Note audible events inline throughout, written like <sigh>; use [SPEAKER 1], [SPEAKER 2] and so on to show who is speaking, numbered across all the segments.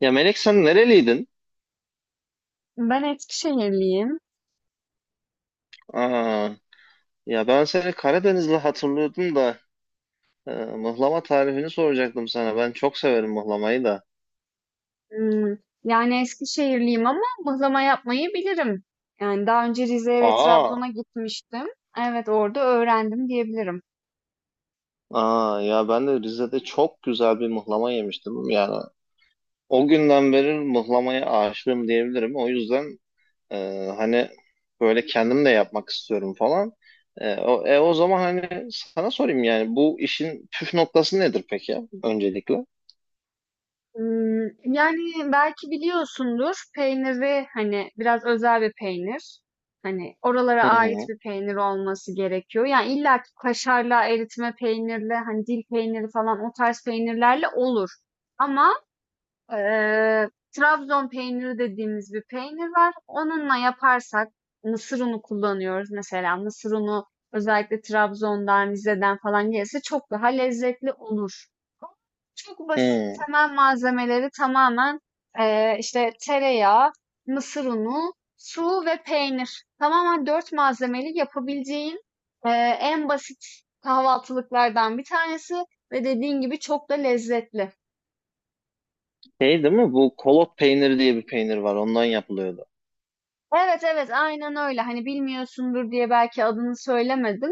[SPEAKER 1] Ya Melek sen nereliydin?
[SPEAKER 2] Ben Eskişehirliyim.
[SPEAKER 1] Aa, ya ben seni Karadenizli hatırlıyordum da mıhlama tarifini soracaktım sana. Ben çok severim mıhlamayı da.
[SPEAKER 2] Hmm, yani Eskişehirliyim ama mıhlama yapmayı bilirim. Yani daha önce Rize'ye ve
[SPEAKER 1] Aa,
[SPEAKER 2] Trabzon'a gitmiştim. Evet orada öğrendim diyebilirim.
[SPEAKER 1] aa, ya ben de Rize'de çok güzel bir mıhlama yemiştim. Yani o günden beri mıhlamaya aşığım diyebilirim. O yüzden e, hani böyle kendim de yapmak istiyorum falan. O zaman hani sana sorayım, yani bu işin püf noktası nedir peki öncelikle?
[SPEAKER 2] Yani belki biliyorsundur peyniri hani biraz özel bir peynir. Hani oralara
[SPEAKER 1] Hı
[SPEAKER 2] ait
[SPEAKER 1] hı.
[SPEAKER 2] bir peynir olması gerekiyor. Yani illa ki kaşarla, eritme peynirle, hani dil peyniri falan o tarz peynirlerle olur. Ama Eee, Trabzon peyniri dediğimiz bir peynir var. Onunla yaparsak mısır unu kullanıyoruz mesela. Mısır unu özellikle Trabzon'dan, Rize'den falan gelirse çok daha lezzetli olur. Çok basit
[SPEAKER 1] Hı.
[SPEAKER 2] temel malzemeleri tamamen işte tereyağı, mısır unu, su ve peynir. Tamamen dört malzemeli yapabileceğin en basit kahvaltılıklardan bir tanesi ve dediğin gibi çok da lezzetli.
[SPEAKER 1] Şey değil mi? Bu kolot peyniri diye bir peynir var. Ondan yapılıyordu.
[SPEAKER 2] Evet, evet, aynen öyle. Hani bilmiyorsundur diye belki adını söylemedim.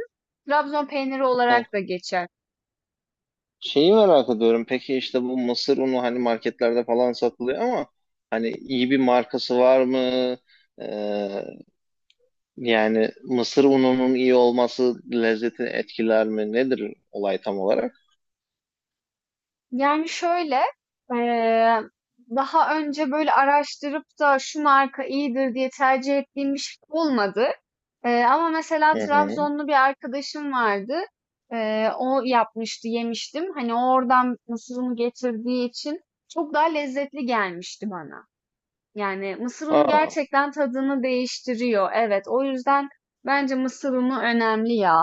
[SPEAKER 2] Trabzon peyniri olarak
[SPEAKER 1] Hı.
[SPEAKER 2] da geçer.
[SPEAKER 1] Şeyi merak ediyorum. Peki işte bu mısır unu hani marketlerde falan satılıyor ama hani iyi bir markası var mı? Ee, Yani mısır ununun iyi olması lezzeti etkiler mi? Nedir olay tam olarak?
[SPEAKER 2] Yani şöyle, eee, daha önce böyle araştırıp da şu marka iyidir diye tercih ettiğim bir şey olmadı. Ama mesela
[SPEAKER 1] Hı hı.
[SPEAKER 2] Trabzonlu bir arkadaşım vardı. O yapmıştı, yemiştim. Hani oradan mısırını getirdiği için çok daha lezzetli gelmişti bana. Yani mısır unu
[SPEAKER 1] Aa,
[SPEAKER 2] gerçekten tadını değiştiriyor. Evet, o yüzden bence mısır unu önemli ya.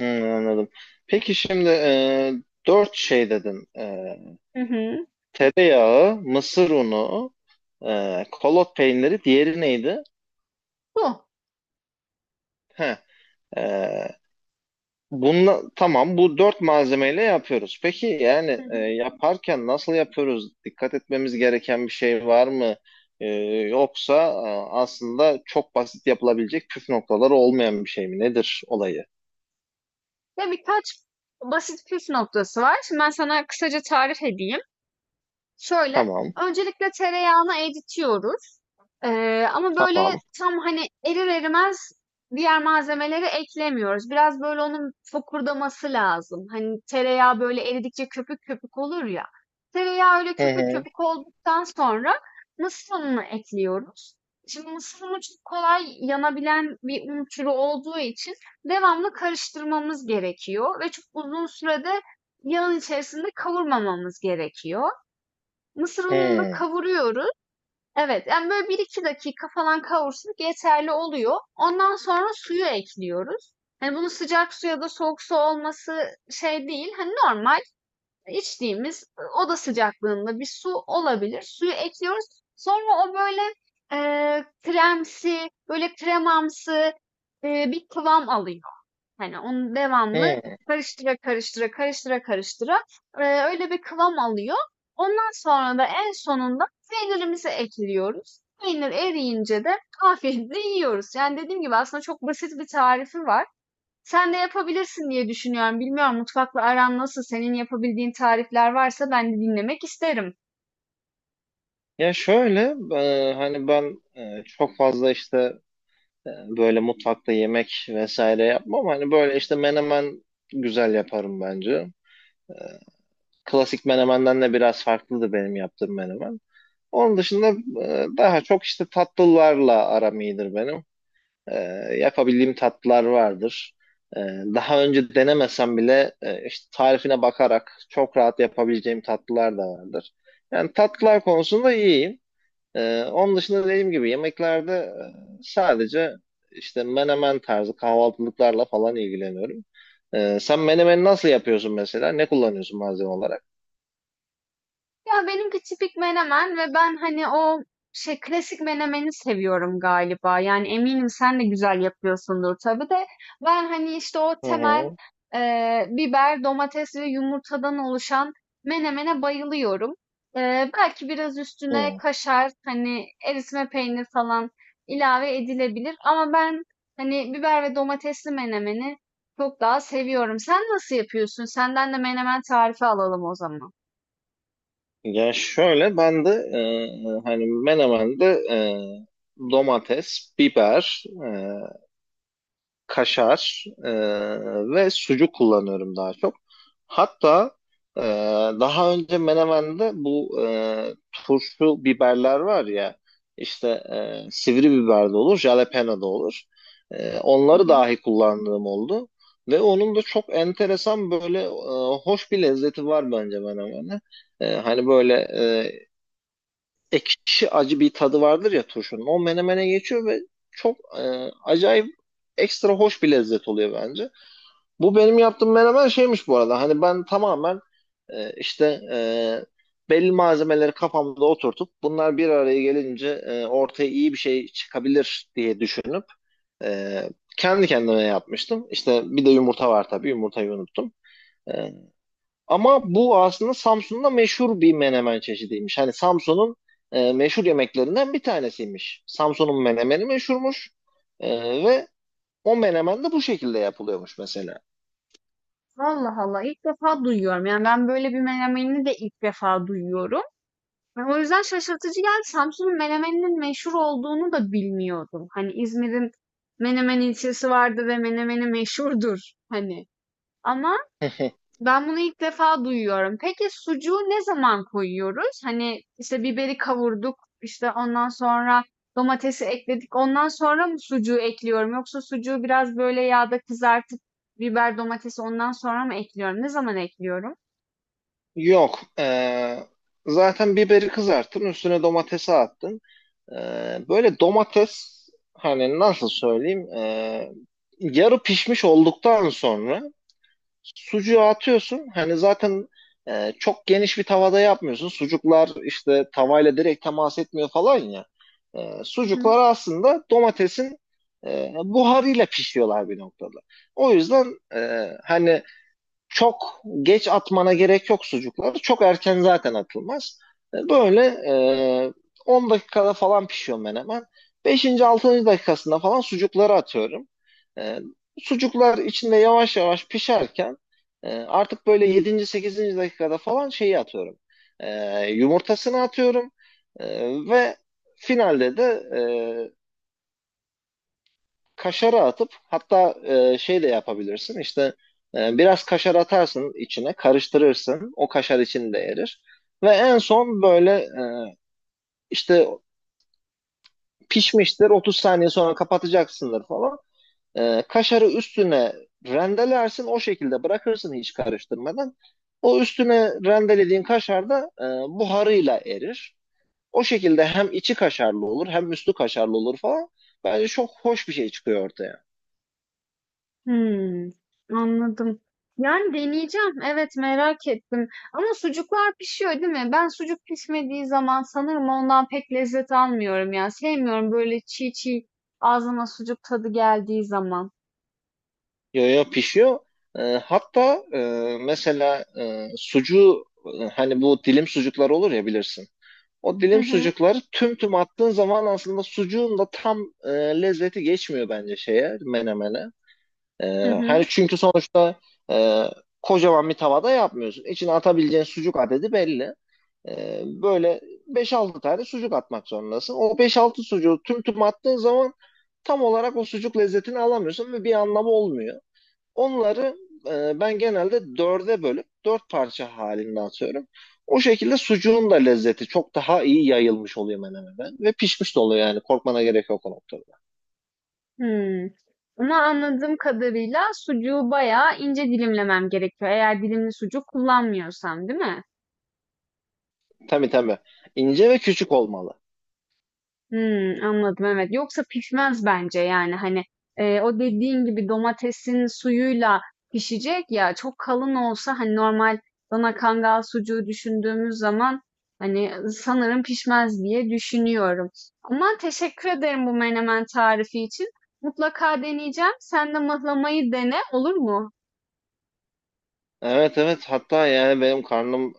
[SPEAKER 1] hı, anladım. Peki şimdi, dört şey dedin.
[SPEAKER 2] Hı hı.
[SPEAKER 1] Tereyağı, mısır unu, kolot peyniri. Diğeri neydi?
[SPEAKER 2] Bu.
[SPEAKER 1] Heh. e, tamam, bu dört malzemeyle yapıyoruz. Peki yani
[SPEAKER 2] Hı hı.
[SPEAKER 1] yaparken nasıl yapıyoruz? Dikkat etmemiz gereken bir şey var mı? E, Yoksa aslında çok basit, yapılabilecek püf noktaları olmayan bir şey mi? Nedir olayı?
[SPEAKER 2] Ve birkaç basit püf noktası var. Şimdi ben sana kısaca tarif edeyim. Şöyle,
[SPEAKER 1] Tamam,
[SPEAKER 2] öncelikle tereyağını eritiyoruz. Ama böyle
[SPEAKER 1] tamam.
[SPEAKER 2] tam hani erir erimez diğer malzemeleri eklemiyoruz. Biraz böyle onun fokurdaması lazım. Hani tereyağı böyle eridikçe köpük köpük olur ya. Tereyağı öyle
[SPEAKER 1] Hı
[SPEAKER 2] köpük
[SPEAKER 1] hı,
[SPEAKER 2] köpük olduktan sonra mısır ununu ekliyoruz. Şimdi mısır unu çok kolay yanabilen bir un türü olduğu için devamlı karıştırmamız gerekiyor ve çok uzun sürede yağın içerisinde kavurmamamız gerekiyor. Mısır ununu
[SPEAKER 1] hı,
[SPEAKER 2] kavuruyoruz. Evet, yani böyle bir iki dakika falan kavursak yeterli oluyor. Ondan sonra suyu ekliyoruz. Hani bunu sıcak su ya da soğuk su olması şey değil. Hani normal içtiğimiz oda sıcaklığında bir su olabilir. Suyu ekliyoruz. Sonra o böyle e, kremsi, böyle kremamsı bir kıvam alıyor. Hani onu devamlı
[SPEAKER 1] hı.
[SPEAKER 2] karıştıra karıştıra karıştıra karıştıra öyle bir kıvam alıyor. Ondan sonra da en sonunda peynirimizi ekliyoruz. Peynir eriyince de afiyetle yiyoruz. Yani dediğim gibi aslında çok basit bir tarifi var. Sen de yapabilirsin diye düşünüyorum. Bilmiyorum mutfakla aran nasıl? Senin yapabildiğin tarifler varsa ben de dinlemek isterim.
[SPEAKER 1] Ya şöyle, hani ben çok fazla işte e, böyle mutfakta yemek vesaire yapmam. Hani böyle işte menemen güzel yaparım bence. E, Klasik menemenden de biraz farklıdır benim yaptığım menemen. Onun dışında daha çok işte tatlılarla aram iyidir benim. E, Yapabildiğim tatlılar vardır. E, Daha önce denemesem bile işte tarifine bakarak çok rahat yapabileceğim tatlılar da vardır. Yani tatlılar konusunda iyiyim. Onun dışında, dediğim gibi, yemeklerde sadece işte menemen tarzı kahvaltılıklarla falan ilgileniyorum. Sen menemeni nasıl yapıyorsun mesela? Ne kullanıyorsun malzeme olarak?
[SPEAKER 2] Ya benimki tipik menemen ve ben hani o şey klasik menemeni seviyorum galiba. Yani eminim sen de güzel yapıyorsundur tabii de. Ben hani işte o
[SPEAKER 1] Hı
[SPEAKER 2] temel
[SPEAKER 1] hı.
[SPEAKER 2] biber, domates ve yumurtadan oluşan menemene bayılıyorum. Belki biraz üstüne
[SPEAKER 1] Hı.
[SPEAKER 2] kaşar, hani eritme peynir falan ilave edilebilir. Ama ben hani biber ve domatesli menemeni çok daha seviyorum. Sen nasıl yapıyorsun? Senden de menemen tarifi alalım o zaman.
[SPEAKER 1] Ya şöyle ben de, hani menemende e, domates, biber, kaşar ve sucuk kullanıyorum daha çok. Hatta e, daha önce Menemen'de bu turşu biberler var ya, işte sivri biber de olur, jalapeno da olur.
[SPEAKER 2] Hı
[SPEAKER 1] Onları
[SPEAKER 2] hı.
[SPEAKER 1] dahi kullandığım oldu. Ve onun da çok enteresan, böyle hoş bir lezzeti var bence Menemen'e. Hani böyle ekşi acı bir tadı vardır ya turşunun. O menemene geçiyor ve çok acayip, ekstra hoş bir lezzet oluyor bence. Bu benim yaptığım menemen şeymiş bu arada. Hani ben tamamen işte belli malzemeleri kafamda oturtup bunlar bir araya gelince ortaya iyi bir şey çıkabilir diye düşünüp e, kendi kendime yapmıştım. İşte bir de yumurta var tabii. Yumurtayı unuttum. E, Ama bu aslında Samsun'da meşhur bir menemen çeşidiymiş. Hani Samsun'un meşhur yemeklerinden bir tanesiymiş. Samsun'un menemeni meşhurmuş. E, Ve o menemen de bu şekilde yapılıyormuş mesela.
[SPEAKER 2] Allah Allah ilk defa duyuyorum. Yani ben böyle bir menemeni de ilk defa duyuyorum. O yüzden şaşırtıcı geldi. Samsun'un menemeninin meşhur olduğunu da bilmiyordum. Hani İzmir'in Menemen ilçesi vardı ve menemeni meşhurdur hani. Ama
[SPEAKER 1] <laughs>
[SPEAKER 2] ben bunu ilk defa duyuyorum. Peki sucuğu ne zaman koyuyoruz? Hani işte biberi kavurduk, işte ondan sonra domatesi ekledik. Ondan sonra mı sucuğu ekliyorum? Yoksa sucuğu biraz böyle yağda kızartıp biber domatesi ondan sonra mı ekliyorum? Ne zaman ekliyorum?
[SPEAKER 1] Yok. Zaten biberi kızarttın, üstüne domatesi attın. E, Böyle domates, hani nasıl söyleyeyim, yarı pişmiş olduktan sonra sucuğu atıyorsun. Hani zaten çok geniş bir tavada yapmıyorsun. Sucuklar işte tavayla direkt temas etmiyor falan ya.
[SPEAKER 2] Hı hı.
[SPEAKER 1] Sucuklar aslında domatesin buharıyla pişiyorlar bir noktada. O yüzden hani çok geç atmana gerek yok sucukları. Çok erken zaten atılmaz. Böyle e, 10 dakikada falan pişiyor menemen. 5. 6. dakikasında falan sucukları atıyorum. E, Sucuklar içinde yavaş yavaş pişerken artık böyle 7. 8. dakikada falan şeyi atıyorum. E, Yumurtasını atıyorum. Ve finalde de e, kaşarı atıp, hatta şey de yapabilirsin, işte biraz kaşar atarsın içine, karıştırırsın, o kaşar içinde erir. Ve en son böyle işte pişmiştir, 30 saniye sonra kapatacaksındır falan. Kaşarı üstüne rendelersin, o şekilde bırakırsın hiç karıştırmadan. O üstüne rendelediğin kaşar da buharıyla erir, o şekilde hem içi kaşarlı olur hem üstü kaşarlı olur falan. Bence çok hoş bir şey çıkıyor ortaya.
[SPEAKER 2] Hmm Anladım. Yani deneyeceğim. Evet, merak ettim ama sucuklar pişiyor, değil mi? Ben sucuk pişmediği zaman sanırım ondan pek lezzet almıyorum ya. Sevmiyorum böyle çiğ çiğ ağzıma sucuk tadı geldiği zaman.
[SPEAKER 1] Yo, yo, pişiyor. Hatta mesela sucuğu, hani bu dilim sucuklar olur ya, bilirsin. O
[SPEAKER 2] Hı
[SPEAKER 1] dilim
[SPEAKER 2] hı.
[SPEAKER 1] sucukları tüm tüm attığın zaman aslında sucuğun da tam e, lezzeti geçmiyor bence menemene. E,
[SPEAKER 2] Hı
[SPEAKER 1] Hani
[SPEAKER 2] hı.
[SPEAKER 1] çünkü sonuçta e, kocaman bir tavada yapmıyorsun. İçine atabileceğin sucuk adedi belli. Böyle beş altı tane sucuk atmak zorundasın. O beş altı sucuğu tüm tüm attığın zaman tam olarak o sucuk lezzetini alamıyorsun ve bir anlamı olmuyor. Onları ben genelde dörde bölüp dört parça halinde atıyorum. O şekilde sucuğun da lezzeti çok daha iyi yayılmış oluyor menemeden ve pişmiş de oluyor, yani korkmana gerek yok o noktada.
[SPEAKER 2] Hımm. Ama anladığım kadarıyla sucuğu bayağı ince dilimlemem gerekiyor eğer dilimli sucuk kullanmıyorsam, değil mi?
[SPEAKER 1] Tabii, tabii. İnce ve küçük olmalı.
[SPEAKER 2] Anladım, evet. Yoksa pişmez bence, yani, hani, o dediğin gibi domatesin suyuyla pişecek ya, çok kalın olsa, hani, normal dana kangal sucuğu düşündüğümüz zaman, hani, sanırım pişmez diye düşünüyorum. Ama teşekkür ederim bu menemen tarifi için. Mutlaka deneyeceğim. Sen de mıhlamayı dene, olur mu?
[SPEAKER 1] Evet, evet, hatta yani benim karnım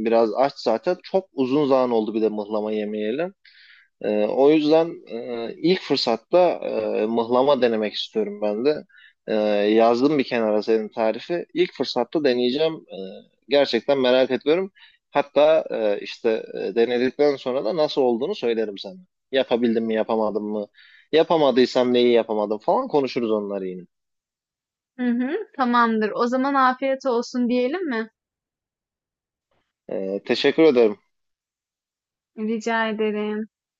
[SPEAKER 1] biraz aç zaten. Çok uzun zaman oldu bir de mıhlama yemeyelim. O yüzden ilk fırsatta mıhlama denemek istiyorum ben de. Ee, Yazdım bir kenara senin tarifi. İlk fırsatta deneyeceğim. Gerçekten merak ediyorum. Hatta işte denedikten sonra da nasıl olduğunu söylerim sana. Yapabildim mi, yapamadım mı? Yapamadıysam neyi yapamadım falan konuşuruz onları yine.
[SPEAKER 2] Hı hı, tamamdır. O zaman afiyet olsun diyelim mi?
[SPEAKER 1] Teşekkür ederim.
[SPEAKER 2] Rica ederim.